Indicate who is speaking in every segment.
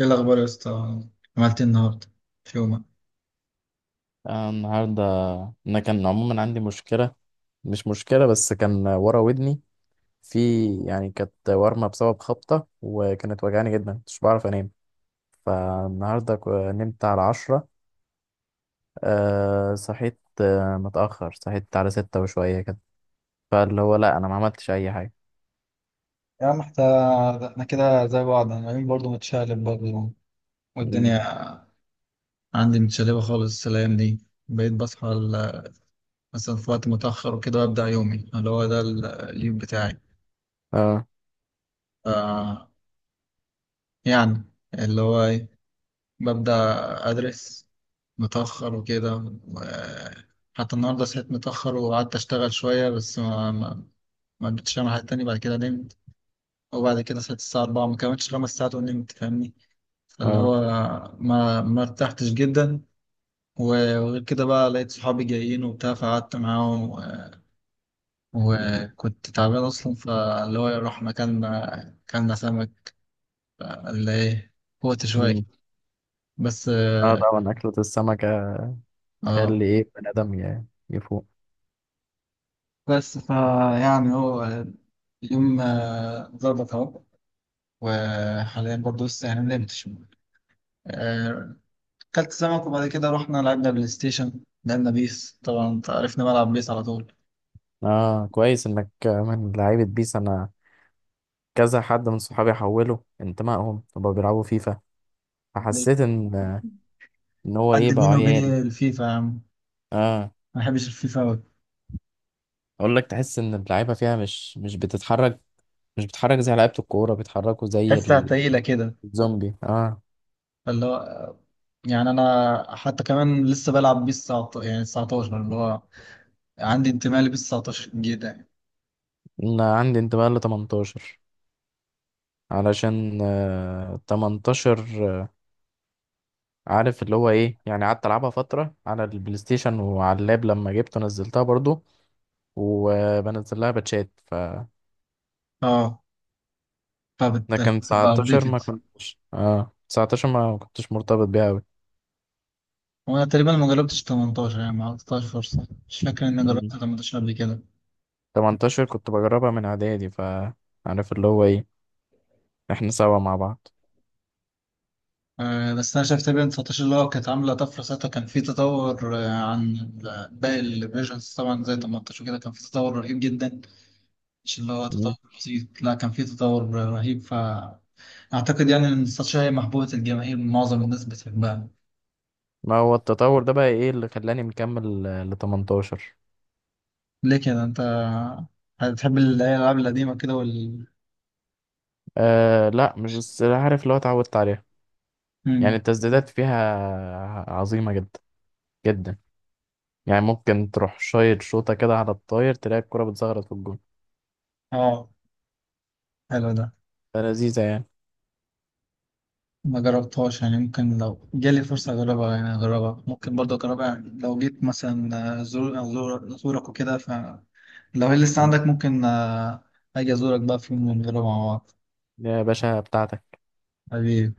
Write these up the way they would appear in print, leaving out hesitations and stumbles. Speaker 1: ايه الاخبار يا اسطى؟ عملت ايه النهارده في يومك؟
Speaker 2: آه، النهاردة أنا كان عموما عندي مشكلة، مش مشكلة، بس كان ورا ودني، في، يعني كانت ورمة بسبب خبطة، وكانت وجعاني جدا مش بعرف أنام. فالنهاردة نمت على 10. صحيت، متأخر، صحيت على ستة وشوية كده. فاللي هو لأ، أنا ما عملتش أي حاجة.
Speaker 1: يا عم احنا كده زي بعض. انا يومي برضه متشقلب، برضه،
Speaker 2: مم.
Speaker 1: والدنيا عندي متشلبه خالص الايام دي. بقيت بصحى مثلا في وقت متاخر وكده، وابدا يومي اللي هو ده اليوم بتاعي.
Speaker 2: اه.
Speaker 1: ف، يعني اللي هو ايه؟ ببدا ادرس متاخر وكده. حتى النهارده صحيت متاخر وقعدت اشتغل شويه، بس ما ما قدرتش اعمل حاجه تانية بعد كده. نمت، وبعد كده صحيت الساعة 4، ما كملتش خمس ساعات ونمت، فاهمني؟ فاللي
Speaker 2: اه.
Speaker 1: هو ما ارتحتش جدا. وغير كده بقى، لقيت صحابي جايين وبتاع، فقعدت معاهم وكنت تعبان أصلا، فاللي هو رحنا كلنا سمك. اللي إيه؟ قوت شوية،
Speaker 2: مم.
Speaker 1: بس
Speaker 2: اه،
Speaker 1: اه.
Speaker 2: طبعا أكلة السمكة
Speaker 1: آه.
Speaker 2: تخلي إيه بني آدم يفوق.
Speaker 1: بس فيعني هو اليوم ظبط أهو. وحاليا برضه لسه يعني ما نمتش. آه، كلت سمك وبعد كده رحنا لعبنا بلاي ستيشن، لعبنا بيس. طبعا انت عرفني بلعب بيس على طول.
Speaker 2: اه، كويس إنك من لعيبة بيس. أنا كذا حد من صحابي حولوا انتمائهم وبقوا بيلعبوا فيفا،
Speaker 1: ليه؟
Speaker 2: فحسيت ان هو ايه
Speaker 1: عندي
Speaker 2: بقى
Speaker 1: بيني وبين
Speaker 2: عيال.
Speaker 1: الفيفا يا عم،
Speaker 2: اه،
Speaker 1: ما بحبش الفيفا أوي.
Speaker 2: اقول لك تحس ان اللعيبه فيها مش بتتحرك، مش بتتحرك زي لعيبه الكوره بيتحركوا زي
Speaker 1: تحسها تقيلة كده،
Speaker 2: الزومبي. اه،
Speaker 1: اللي هو يعني. أنا حتى كمان لسه بلعب بيس 19، يعني 19 اللي هو، عندي انتماء لبيس 19 جدا يعني.
Speaker 2: انا عندي انتماء ل 18، علشان 18 عارف اللي هو ايه، يعني قعدت العبها فتره على البلاي ستيشن، وعلى اللاب لما جبته نزلتها برضو، وبنزل لها باتشات.
Speaker 1: اه
Speaker 2: لكن
Speaker 1: فبتبقى
Speaker 2: 19 ما
Speaker 1: أبديتد.
Speaker 2: كنتش، 19 ما كنتش مرتبط بيها أوي.
Speaker 1: وأنا تقريبا ما جربتش 18، يعني ما عطيتهاش فرصة، مش فاكر إني جربت
Speaker 2: مم.
Speaker 1: 18 قبل كده.
Speaker 2: 18 كنت بجربها من إعدادي، فعارف اللي هو إيه، إحنا سوا مع بعض.
Speaker 1: بس انا شفت بين 19 اللي هو كانت عامله طفره ساعتها، كان في تطور عن باقي الفيرجنز، طبعا زي 18 وكده كان في تطور رهيب جدا. مش اللي هو تطور
Speaker 2: مم.
Speaker 1: بسيط، لا كان في تطور رهيب. فاعتقد يعني ان 19 هي محبوبه الجماهير، معظم الناس بتحبها.
Speaker 2: ما هو التطور ده بقى إيه اللي خلاني مكمل ل 18؟
Speaker 1: ليه كده انت بتحب الالعاب القديمه كده
Speaker 2: آه لا، مش بس، عارف اللي هو اتعودت عليها، يعني
Speaker 1: مم.
Speaker 2: التسديدات فيها عظيمة جدا جدا، يعني ممكن تروح شايط شوطة كده على الطاير، تلاقي الكرة بتزغرط في الجون،
Speaker 1: اه حلو ده،
Speaker 2: فلذيذة يعني.
Speaker 1: ما جربتهاش. يعني ممكن لو جالي فرصة أجربها، يعني أجربها، ممكن برضه أجربها يعني. لو جيت مثلا أزورك وكده، لو هي لسه
Speaker 2: مم.
Speaker 1: عندك ممكن، اجي ازورك بقى في يوم ونجرب مع بعض.
Speaker 2: يا باشا بتاعتك.
Speaker 1: حبيبي.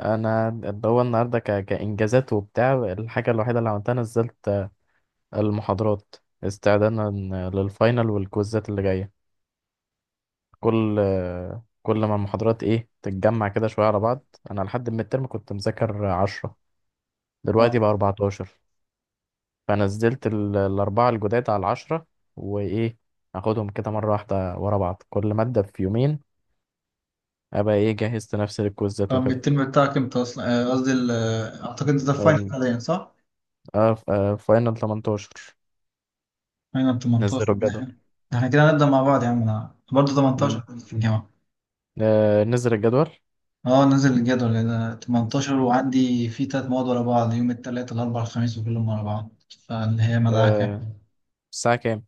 Speaker 2: انا اللي هو النهارده كانجازات وبتاع، الحاجه الوحيده اللي عملتها نزلت المحاضرات استعدادا للفاينل والكويزات اللي جايه. كل ما المحاضرات ايه تتجمع كده شويه على بعض. انا لحد من الترم كنت مذاكر 10، دلوقتي
Speaker 1: اه.
Speaker 2: بقى 14، فنزلت الاربعه الجداد على العشرة، وايه اخدهم كده مره واحده ورا بعض، كل ماده في يومين، ابقى ايه جهزت نفسي للكويزات
Speaker 1: طب
Speaker 2: وكده.
Speaker 1: الترم بتاعك امتى اصلا؟ قصدي اعتقد انت في فاينل
Speaker 2: ال-
Speaker 1: حاليا، صح؟
Speaker 2: فاينل 18،
Speaker 1: فاينل
Speaker 2: نزلوا
Speaker 1: 18. ده احنا،
Speaker 2: الجدول.
Speaker 1: ده احنا كده هنبدأ مع بعض يا عم، انا برضه 18 في الجامعة.
Speaker 2: نزل الجدول.
Speaker 1: اه نزل الجدول. انا 18، وعندي في تلات مواد ورا بعض، يوم التلات الاربع الخميس، وكلهم ورا بعض. فاللي هي مدعكة
Speaker 2: آه،
Speaker 1: يعني.
Speaker 2: الساعة كام؟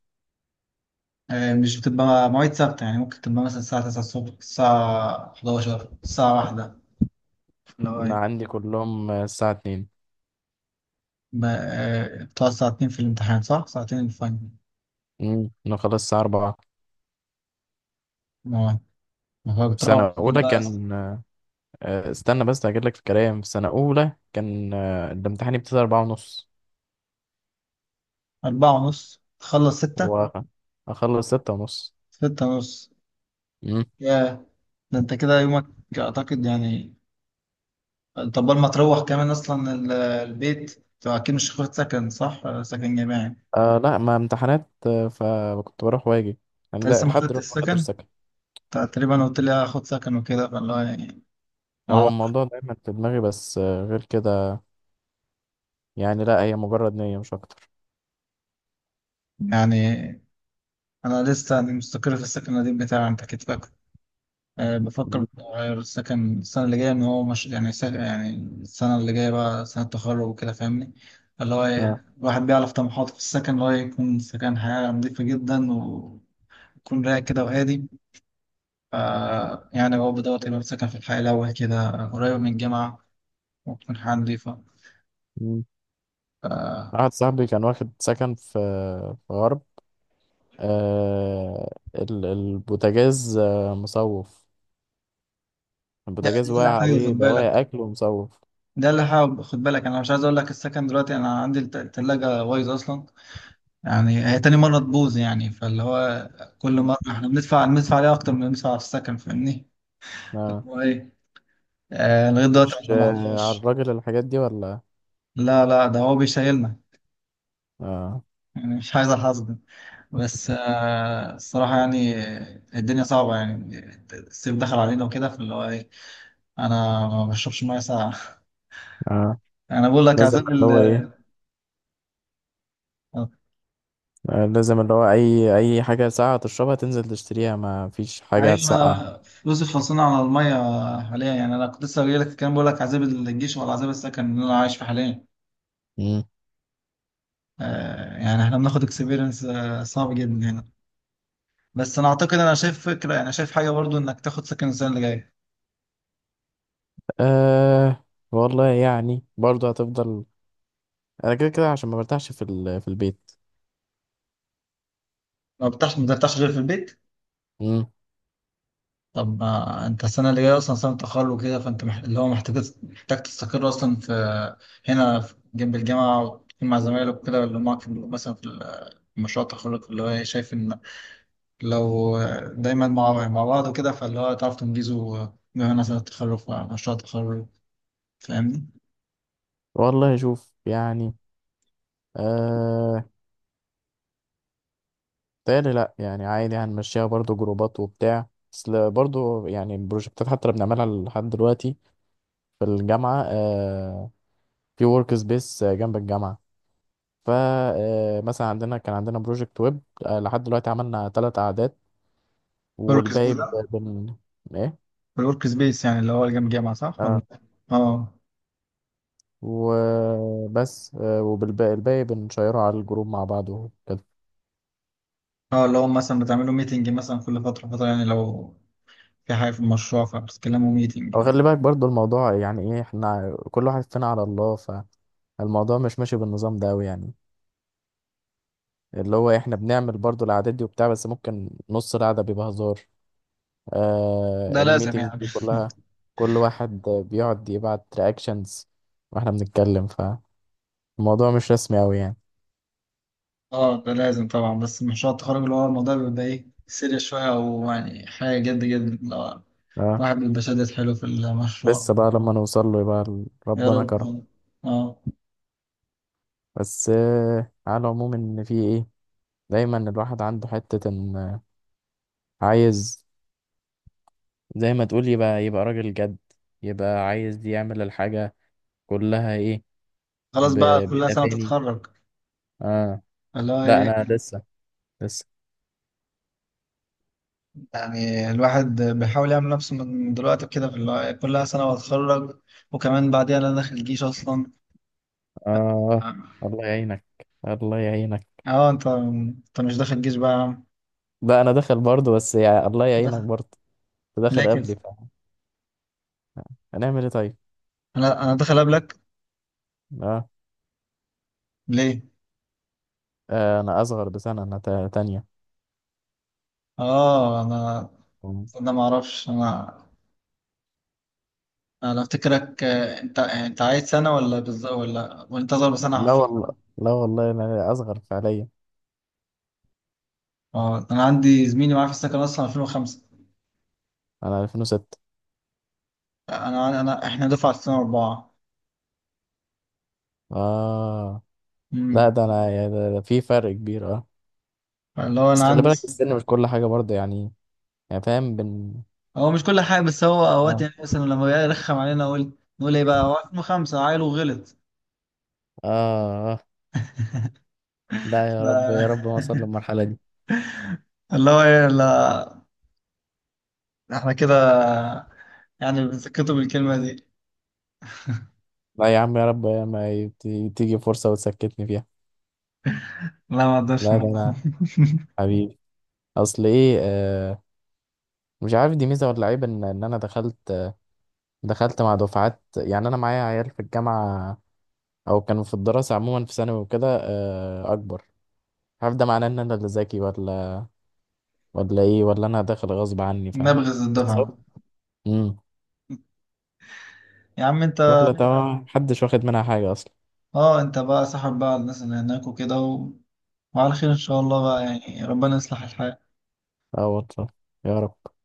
Speaker 1: مش بتبقى مواعيد ثابتة، يعني ممكن تبقى مثلا الساعة 9 الصبح، الساعة 11، الساعة
Speaker 2: أنا
Speaker 1: 1.
Speaker 2: عندي كلهم الساعة 2.
Speaker 1: ما بتقعد ساعتين في الامتحان صح؟ ساعتين الفاينل.
Speaker 2: أنا خلاص الساعة 4.
Speaker 1: ما ما هو
Speaker 2: في
Speaker 1: بتروح
Speaker 2: سنة
Speaker 1: البيت
Speaker 2: أولى
Speaker 1: بقى.
Speaker 2: كان استنى بس هجيب لك الكلام، في سنة أولى كان الامتحان يبتدي 4:30،
Speaker 1: أربعة ونص تخلص ستة.
Speaker 2: وأخلص 6:30.
Speaker 1: ستة ونص.
Speaker 2: مم.
Speaker 1: ياه. ده أنت كده يومك، أعتقد يعني. طب ما تروح كمان أصلا البيت؟ أنت أكيد مش هتاخد سكن صح؟ سكن جامعي أنت؟
Speaker 2: آه لا، ما امتحانات، فكنت بروح واجي، يعني ده
Speaker 1: لسه ما
Speaker 2: لحد
Speaker 1: خدتش
Speaker 2: دلوقتي ما
Speaker 1: السكن؟
Speaker 2: حدش سكت.
Speaker 1: أنت تقريبا قلت لي هاخد سكن وكده، فالله يعني ما
Speaker 2: هو
Speaker 1: أعرف.
Speaker 2: الموضوع دايما في دماغي، بس غير كده، يعني لا هي مجرد نية مش أكتر.
Speaker 1: يعني أنا لسه يعني مستقر في السكن القديم بتاعي، أنت أكيد فاكر. أه بفكر
Speaker 2: مم.
Speaker 1: أغير السكن السنة اللي جاية، إن هو مش يعني يعني السنة اللي جاية بقى سنة تخرج وكده، فاهمني؟ اللي هو
Speaker 2: آه.
Speaker 1: إيه؟ الواحد بيعرف طموحاته في السكن، اللي هو يكون سكن حياة نظيفة جدا، ويكون رايق كده وهادي. ف، يعني هو بدور يبقى سكن في الحي الأول كده، قريب من الجامعة، وتكون حياة نظيفة.
Speaker 2: مم.
Speaker 1: ف،
Speaker 2: واحد صاحبي كان واخد سكن في في غرب. البوتاجاز مصوف،
Speaker 1: يعني
Speaker 2: البوتاجاز
Speaker 1: ده اللي
Speaker 2: واقع
Speaker 1: حابب
Speaker 2: عليه
Speaker 1: خد بالك.
Speaker 2: بواقي أكل ومصوف.
Speaker 1: ده اللي حابب خد بالك. أنا مش عايز أقول لك السكن دلوقتي، أنا عندي التلاجة بايظة أصلا، يعني هي تاني مرة تبوظ يعني. فاللي هو كل
Speaker 2: مم.
Speaker 1: مرة احنا بندفع عليها أكتر من اللي بندفع على السكن، فاهمني؟ اللي
Speaker 2: آه،
Speaker 1: هو إيه؟ آه لغاية دلوقتي ما
Speaker 2: مش على
Speaker 1: طلعناش.
Speaker 2: الراجل الحاجات دي ولا؟
Speaker 1: لا لا ده هو بيشيلنا.
Speaker 2: آه
Speaker 1: يعني مش عايز الحظ ده. بس آه الصراحة يعني، الدنيا صعبة يعني. الصيف دخل علينا وكده، فاللي هو إيه، أنا ما بشربش مية ساقعة.
Speaker 2: آه،
Speaker 1: أنا بقول لك
Speaker 2: لازم
Speaker 1: عذاب
Speaker 2: اللي
Speaker 1: ال
Speaker 2: هو إيه.
Speaker 1: آه،
Speaker 2: آه، لازم اللي هو أي حاجة ساقعة تشربها تنزل تشتريها، ما فيش حاجة
Speaker 1: أيوة.
Speaker 2: هتسقع.
Speaker 1: أنا فلوسي خلصانة على المية حاليا، يعني أنا كنت لسه جايلك في الكلام بقول لك عذاب الجيش ولا عذاب السكن اللي أنا عايش فيه حاليا.
Speaker 2: مم.
Speaker 1: يعني احنا بناخد اكسبيرينس صعب جدا هنا. بس انا اعتقد، انا شايف فكره يعني، شايف حاجه برضو انك تاخد سكن السنه اللي جايه.
Speaker 2: آه، والله يعني برضه هتفضل، أنا كده كده عشان ما برتاحش في البيت.
Speaker 1: ما بترتاحش غير في البيت.
Speaker 2: مم.
Speaker 1: طب ما انت السنه اللي جايه اصلا سنه تخرج وكده، فانت اللي هو محتاج، تستقر اصلا في هنا جنب الجامعه، وتكون مع زمايلك وكده اللي هم معاك في مثلا في في مشروع التخرج. اللي هو إيه، شايف ان لو دايما مع بعض وكده، فاللي هو تعرف تنجزه. بما مثلا التخرج، مشروع التخرج، فاهمني؟
Speaker 2: والله شوف يعني. آه، تاني لا، يعني عادي هنمشيها برضو جروبات وبتاع، اصل برضو يعني البروجكتات حتى اللي بنعملها لحد دلوقتي في الجامعة في ورك سبيس جنب الجامعة. فا مثلا عندنا بروجكت ويب. آه لحد دلوقتي عملنا ثلاث أعداد،
Speaker 1: كل
Speaker 2: والباقي
Speaker 1: الكسبوز
Speaker 2: ب- بن ايه.
Speaker 1: الورك سبيس يعني اللي هو جنب جامعة، صح؟ ولا؟
Speaker 2: اه،
Speaker 1: اه.
Speaker 2: وبس، وبالباقي الباقي بنشيره على الجروب مع بعض وكده.
Speaker 1: اه اللي هو مثلا بتعملوا ميتنج مثلا كل فترة فترة يعني، لو في حاجة في المشروع فبتتكلموا ميتنج
Speaker 2: او
Speaker 1: يعني.
Speaker 2: خلي بالك برضو الموضوع يعني ايه، احنا كل واحد فينا على الله، فالموضوع مش ماشي بالنظام ده أوي يعني. اللي هو احنا بنعمل برضو العادات دي وبتاع، بس ممكن نص القعدة بيبقى هزار. آه،
Speaker 1: ده لازم
Speaker 2: الميتينجز
Speaker 1: يعني.
Speaker 2: دي كلها كل واحد بيقعد يبعت رياكشنز واحنا بنتكلم، فالموضوع مش رسمي قوي يعني.
Speaker 1: اه ده لازم طبعا، بس مشروع التخرج اللي هو الموضوع بيبقى ايه سيريس شوية، أو يعني حاجة جد جد، لو
Speaker 2: اه،
Speaker 1: واحد بيبقى شادد حلو في المشروع.
Speaker 2: لسه بقى لما نوصل له يبقى
Speaker 1: يا
Speaker 2: ربنا
Speaker 1: رب.
Speaker 2: كرم.
Speaker 1: اه.
Speaker 2: بس على العموم ان في ايه، دايما الواحد عنده حتة ان عايز زي ما تقول يبقى راجل جد، يبقى عايز يعمل الحاجة كلها ايه
Speaker 1: خلاص بقى، كلها سنة
Speaker 2: بتفاني.
Speaker 1: تتخرج.
Speaker 2: اه
Speaker 1: اللي هو
Speaker 2: لا،
Speaker 1: ايه،
Speaker 2: انا لسه لسه.
Speaker 1: يعني الواحد بيحاول يعمل نفسه من دلوقتي كده في اللي هو إيه، كلها سنة واتخرج. وكمان بعديها انا داخل الجيش اصلا.
Speaker 2: آه،
Speaker 1: اه.
Speaker 2: الله يعينك، الله يعينك.
Speaker 1: اه، انت مش داخل الجيش بقى يا عم؟
Speaker 2: لا أنا داخل برضه، بس يا الله
Speaker 1: أنت
Speaker 2: يعينك
Speaker 1: داخل؟
Speaker 2: برضه. أنت
Speaker 1: ليه
Speaker 2: داخل
Speaker 1: كده؟
Speaker 2: قبلي، فهنعمل إيه طيب.
Speaker 1: انا داخل قبلك.
Speaker 2: آه.
Speaker 1: ليه؟
Speaker 2: آه، أنا أصغر بسنة، أنا تانية.
Speaker 1: اه انا، انا ما اعرفش انا. انا افتكرك انت عايز سنه، ولا بالظبط، ولا وانت اصغر بسنه
Speaker 2: لا
Speaker 1: حرفيا؟
Speaker 2: والله، لا والله، أنا أصغر فعليا.
Speaker 1: اه انا عندي زميلي معايا في السكن اصلا 2005.
Speaker 2: أنا 2006.
Speaker 1: انا انا احنا دفعه 2004.
Speaker 2: آه لا،
Speaker 1: امم.
Speaker 2: ده أنا ده في فرق كبير آه.
Speaker 1: اللي هو
Speaker 2: بس
Speaker 1: انا
Speaker 2: خلي
Speaker 1: عندي.
Speaker 2: بالك السن مش كل حاجة برضه، يعني فاهم
Speaker 1: هو مش كل حاجه، بس هو اوقات
Speaker 2: آه.
Speaker 1: يعني مثلا لما يرخم علينا نقول ايه بقى، هو 2005 عيل وغلط.
Speaker 2: آه. آه. لا، يا رب يا رب ما
Speaker 1: ف-
Speaker 2: أوصل للمرحلة دي.
Speaker 1: اللي هو ايه. لا احنا كده يعني بنسكته بالكلمة دي.
Speaker 2: لا يا عم، يا رب ما تيجي فرصة وتسكتني فيها.
Speaker 1: لا ما اقدرش.
Speaker 2: لا ده أنا حبيبي. اصل ايه مش عارف دي ميزه ولا عيب ان انا دخلت مع دفعات، يعني انا معايا عيال في الجامعه او كانوا في الدراسه عموما في ثانوي وكده اكبر. مش عارف ده معناه ان انا اللي ذكي ولا ايه، ولا انا داخل غصب عني، فاهم.
Speaker 1: نبغز الدفعة.
Speaker 2: بالظبط. امم
Speaker 1: يا عم انت،
Speaker 2: يلا تمام، محدش واخد منها حاجه اصلا.
Speaker 1: اه انت بقى صاحب بقى الناس اللي هناك وكده وعلى خير ان شاء الله بقى، يعني ربنا يصلح الحال.
Speaker 2: اه والله، يا رب.